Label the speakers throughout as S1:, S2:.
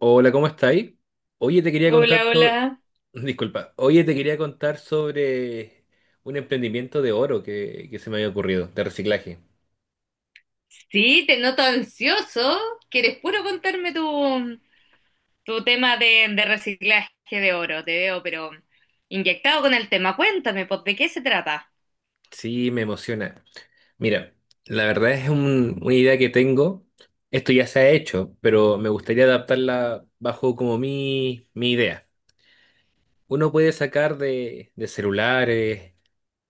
S1: Hola, ¿cómo estáis? Oye, te quería contar
S2: Hola,
S1: sobre...
S2: hola.
S1: Disculpa. Oye, te quería contar sobre un emprendimiento de oro que se me había ocurrido, de reciclaje.
S2: Sí, te noto ansioso. ¿Quieres puro contarme tu tema de reciclaje de oro? Te veo, pero inyectado con el tema. Cuéntame, pues, ¿de qué se trata?
S1: Sí, me emociona. Mira, la verdad es una idea que tengo. Esto ya se ha hecho, pero me gustaría adaptarla bajo como mi idea. Uno puede sacar de celulares,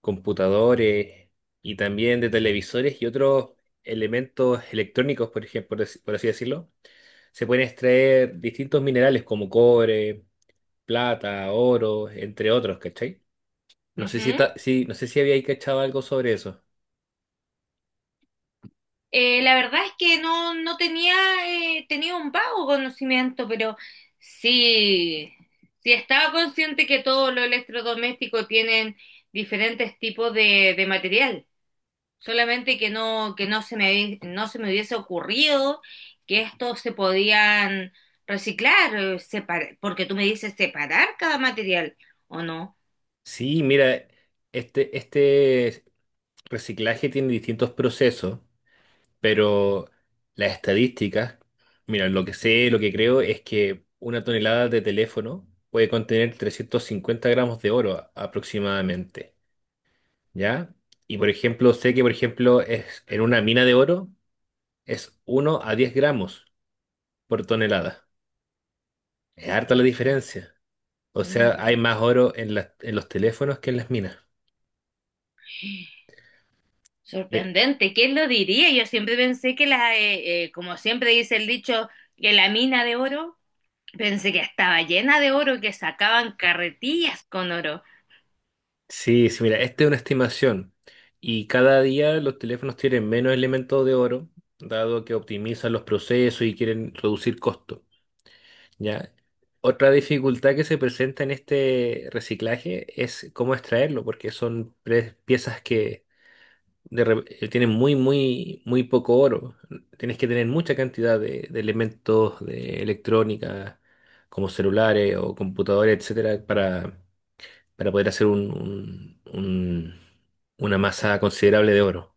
S1: computadores y también de televisores y otros elementos electrónicos, por ejemplo, por así decirlo. Se pueden extraer distintos minerales como cobre, plata, oro, entre otros, ¿cachai? No sé
S2: Ujú.
S1: sí, no sé si había ahí cachado algo sobre eso.
S2: La verdad es que no tenía, tenía un vago conocimiento, pero sí, sí estaba consciente que todos los electrodomésticos tienen diferentes tipos de material. Solamente que que no se me hubiese ocurrido que estos se podían reciclar, porque tú me dices separar cada material, ¿o no?
S1: Sí, mira, este reciclaje tiene distintos procesos, pero las estadísticas, mira, lo que sé, lo que creo es que una tonelada de teléfono puede contener 350 gramos de oro aproximadamente, ¿ya? Y por ejemplo, sé que por ejemplo es en una mina de oro, es uno a 10 gramos por tonelada. Es harta la diferencia. O
S2: Una
S1: sea, hay
S2: diera.
S1: más oro en en los teléfonos que en las minas. Mira,
S2: Sorprendente, ¿quién lo diría? Yo siempre pensé que como siempre dice el dicho, que la mina de oro, pensé que estaba llena de oro, que sacaban carretillas con oro.
S1: sí, sí, mira, esta es una estimación. Y cada día los teléfonos tienen menos elementos de oro, dado que optimizan los procesos y quieren reducir costos. ¿Ya? Otra dificultad que se presenta en este reciclaje es cómo extraerlo, porque son piezas que tiene muy, muy, muy poco oro. Tienes que tener mucha cantidad de elementos de electrónica, como celulares o computadores, etcétera, para poder hacer una masa considerable de oro.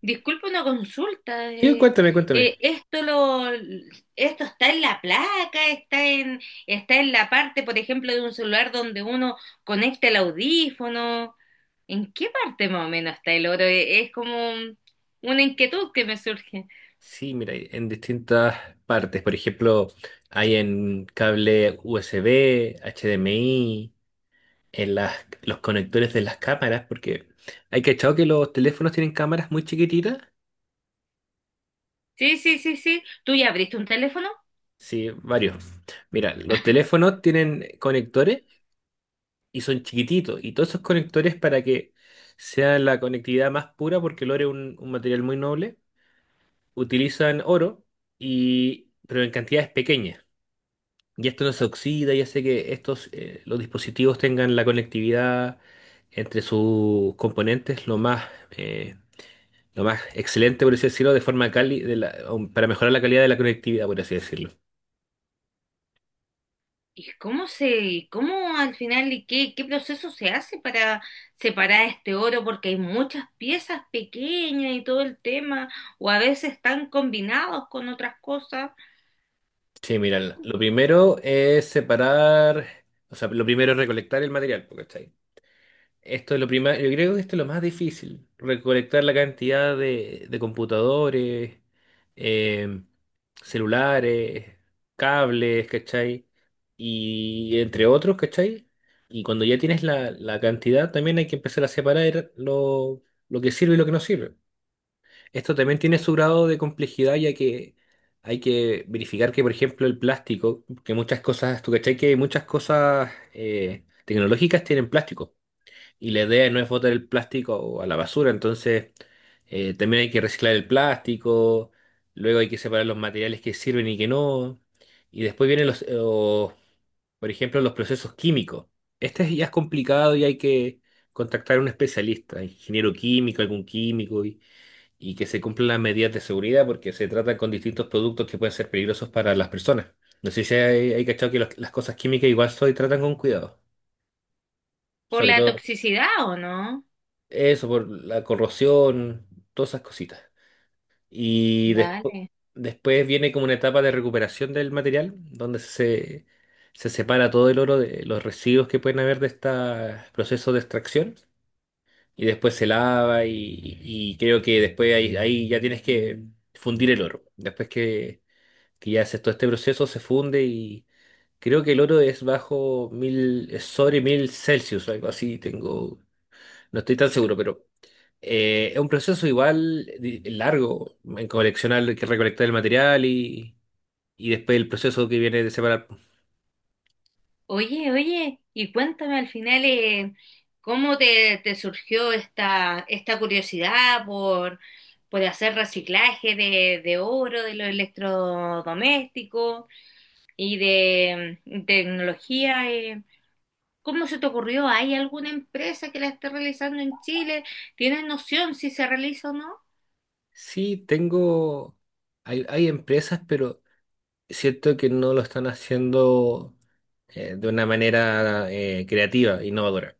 S2: Disculpa una consulta.
S1: Sí, cuéntame, cuéntame.
S2: Esto esto está en la placa, está en la parte, por ejemplo, de un celular donde uno conecta el audífono. ¿En qué parte más o menos está el oro? Es como una inquietud que me surge.
S1: Sí, mira, hay en distintas partes. Por ejemplo, hay en cable USB, HDMI, en los conectores de las cámaras, porque hay cachado que los teléfonos tienen cámaras muy chiquititas.
S2: Sí, sí, sí, sí. ¿Tú ya abriste un teléfono?
S1: Sí, varios. Mira, los teléfonos tienen conectores y son chiquititos. Y todos esos conectores para que sea la conectividad más pura, porque el oro es un material muy noble, utilizan oro, y, pero en cantidades pequeñas. Y esto no se oxida y hace que estos, los dispositivos tengan la conectividad entre sus componentes eh, lo más excelente, por así decirlo, de forma cali de la- um, para mejorar la calidad de la conectividad, por así decirlo.
S2: ¿Y y cómo al final y qué proceso se hace para separar este oro? Porque hay muchas piezas pequeñas y todo el tema, o a veces están combinados con otras cosas
S1: Sí, mira, lo primero es separar, o sea, lo primero es recolectar el material, po, ¿cachai? Esto es lo primero, yo creo que esto es lo más difícil, recolectar la cantidad de computadores, eh, celulares, cables, ¿cachai? Y entre otros, ¿cachai? Y cuando ya tienes la cantidad, también hay que empezar a separar lo que sirve y lo que no sirve. Esto también tiene su grado de complejidad, ya que hay que verificar que, por ejemplo, el plástico, que muchas cosas, tú cachai que muchas cosas tecnológicas tienen plástico, y la idea no es botar el plástico a la basura, entonces también hay que reciclar el plástico, luego hay que separar los materiales que sirven y que no, y después vienen por ejemplo, los procesos químicos. Este ya es complicado y hay que contactar a un especialista, ingeniero químico, algún químico, y que se cumplan las medidas de seguridad porque se trata con distintos productos que pueden ser peligrosos para las personas. No sé si hay cachado que las cosas químicas igual se tratan con cuidado,
S2: por
S1: sobre
S2: la
S1: todo
S2: toxicidad, ¿o no?
S1: eso por la corrosión, todas esas cositas. Y despu-
S2: Dale.
S1: Después viene como una etapa de recuperación del material donde se separa todo el oro de los residuos que pueden haber de este proceso de extracción. Y después se lava y creo que después ahí ya tienes que fundir el oro. Después que ya hace todo este proceso, se funde y creo que el oro es bajo mil, es sobre mil Celsius, algo así, tengo, no estoy tan seguro, pero es un proceso igual largo en coleccionar, que recolectar el material y después el proceso que viene de separar.
S2: Oye, oye, y cuéntame al final, cómo te surgió esta curiosidad por hacer reciclaje de oro, de los electrodomésticos. Y de tecnología. ¿Cómo se te ocurrió? ¿Hay alguna empresa que la esté realizando en Chile? ¿Tienes noción si se realiza o no?
S1: Sí, tengo, hay empresas, pero siento que no lo están haciendo de una manera creativa, innovadora.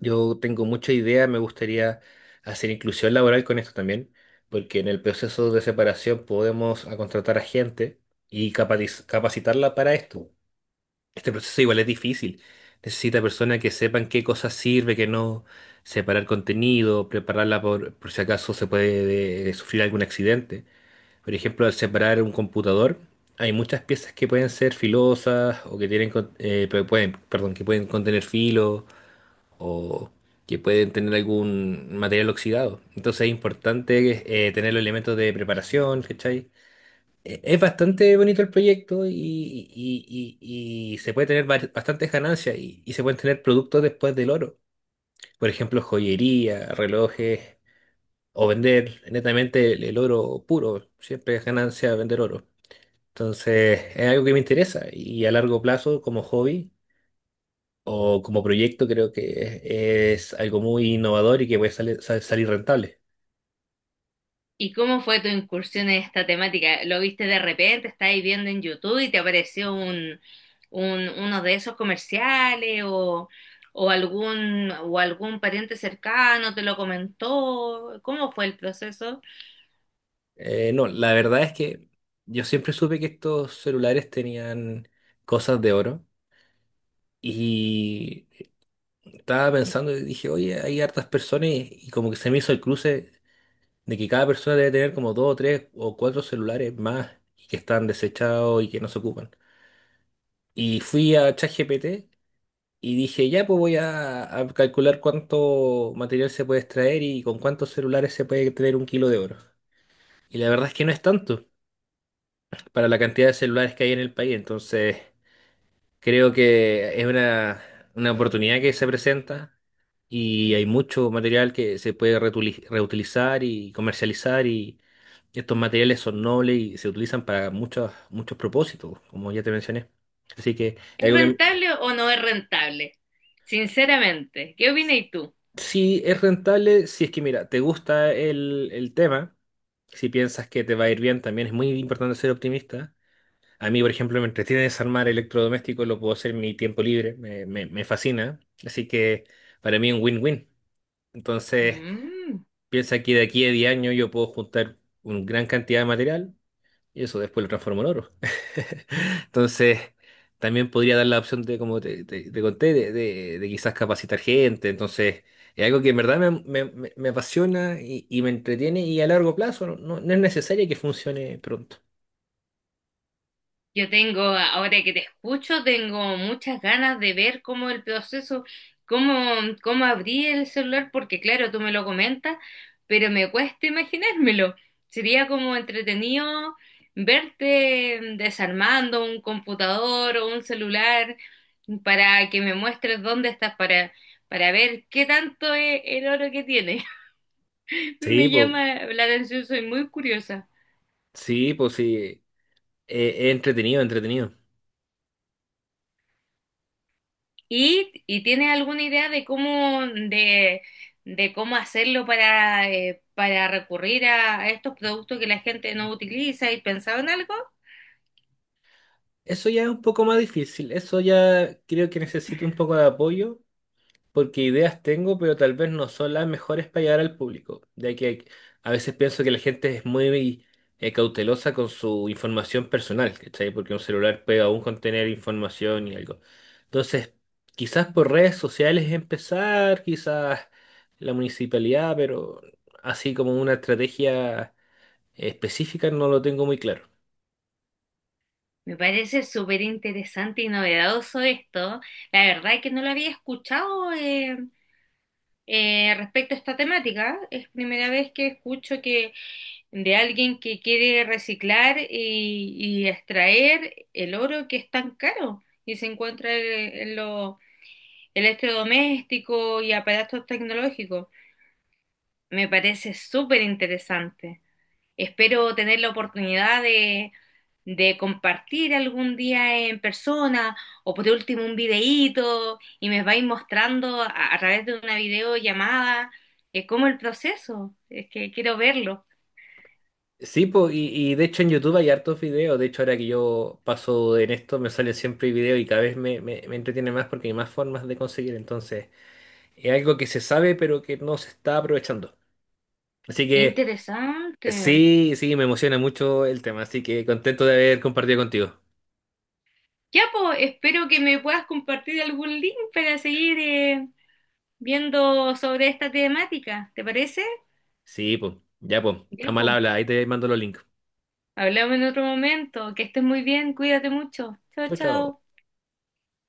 S1: Yo tengo mucha idea, me gustaría hacer inclusión laboral con esto también, porque en el proceso de separación podemos a contratar a gente y capacitarla para esto. Este proceso igual es difícil. Necesita personas que sepan qué cosas sirve, qué no, separar contenido, prepararla por si acaso se puede sufrir algún accidente. Por ejemplo, al separar un computador, hay muchas piezas que pueden ser filosas o que tienen, pueden, perdón, que pueden contener filo o que pueden tener algún material oxidado. Entonces es importante tener los elementos de preparación, ¿cachai? Es bastante bonito el proyecto y, y se puede tener bastantes ganancias y se pueden tener productos después del oro. Por ejemplo, joyería, relojes o vender netamente el oro puro. Siempre es ganancia vender oro. Entonces es algo que me interesa y a largo plazo como hobby o como proyecto creo que es algo muy innovador y que puede salir rentable.
S2: ¿Y cómo fue tu incursión en esta temática? ¿Lo viste de repente? ¿Estáis viendo en YouTube y te apareció uno de esos comerciales o algún pariente cercano te lo comentó? ¿Cómo fue el proceso?
S1: No, la verdad es que yo siempre supe que estos celulares tenían cosas de oro y estaba pensando y dije, oye, hay hartas personas y como que se me hizo el cruce de que cada persona debe tener como dos o tres o cuatro celulares más y que están desechados y que no se ocupan. Y fui a ChatGPT. Y dije, ya, pues voy a calcular cuánto material se puede extraer y con cuántos celulares se puede tener un kilo de oro. Y la verdad es que no es tanto para la cantidad de celulares que hay en el país. Entonces, creo que es una oportunidad que se presenta y hay mucho material que se puede reutilizar y comercializar y estos materiales son nobles y se utilizan para muchos, muchos propósitos, como ya te mencioné. Así que es
S2: ¿Es
S1: algo que,
S2: rentable o no es rentable? Sinceramente, ¿qué opinas tú?
S1: sí, es rentable si es que, mira, te gusta el tema, si piensas que te va a ir bien, también es muy importante ser optimista. A mí, por ejemplo, me entretiene desarmar electrodomésticos, lo puedo hacer en mi tiempo libre, me fascina. Así que para mí es un win-win. Entonces,
S2: Mm.
S1: piensa que de aquí a 10 años yo puedo juntar una gran cantidad de material y eso después lo transformó en oro. Entonces, también podría dar la opción de, como te conté, de quizás capacitar gente. Entonces, es algo que en verdad me apasiona y me entretiene y a largo plazo no es necesario que funcione pronto.
S2: Yo tengo, ahora que te escucho, tengo muchas ganas de ver cómo el proceso, cómo, cómo abrí el celular, porque claro, tú me lo comentas, pero me cuesta imaginármelo. Sería como entretenido verte desarmando un computador o un celular para que me muestres dónde estás, para ver qué tanto es el oro que tiene.
S1: Sí,
S2: Me
S1: pues,
S2: llama la atención, soy muy curiosa.
S1: sí, pues sí, es entretenido, entretenido.
S2: Y tienes alguna idea de de cómo hacerlo para recurrir a estos productos que la gente no utiliza? ¿Y pensado en algo?
S1: Eso ya es un poco más difícil, eso ya creo que necesito un poco de apoyo porque ideas tengo, pero tal vez no son las mejores para llegar al público, ya que a veces pienso que la gente es muy cautelosa con su información personal, ¿cachai? Porque un celular puede aún contener información y algo. Entonces, quizás por redes sociales empezar, quizás la municipalidad, pero así como una estrategia específica no lo tengo muy claro.
S2: Me parece súper interesante y novedoso esto. La verdad es que no lo había escuchado, respecto a esta temática. Es primera vez que escucho que de alguien que quiere reciclar y extraer el oro que es tan caro y se encuentra en los electrodomésticos y aparatos tecnológicos. Me parece súper interesante. Espero tener la oportunidad de compartir algún día en persona o por último un videíto y me vais mostrando a través de una videollamada cómo el proceso. Es que quiero verlo.
S1: Sí, po, y de hecho en YouTube hay hartos videos. De hecho, ahora que yo paso en esto, me salen siempre videos y cada vez me entretiene más porque hay más formas de conseguir. Entonces, es algo que se sabe, pero que no se está aprovechando. Así
S2: Qué
S1: que
S2: interesante.
S1: sí, sí, me emociona mucho el tema. Así que contento de haber compartido contigo.
S2: Ya, pues, espero que me puedas compartir algún link para seguir, viendo sobre esta temática. ¿Te parece?
S1: Sí, pues, ya, pues, está
S2: Ya,
S1: mal
S2: po.
S1: habla. Ahí te mando los links.
S2: Hablamos en otro momento. Que estés muy bien, cuídate mucho. Chao,
S1: Chau, chau.
S2: chao.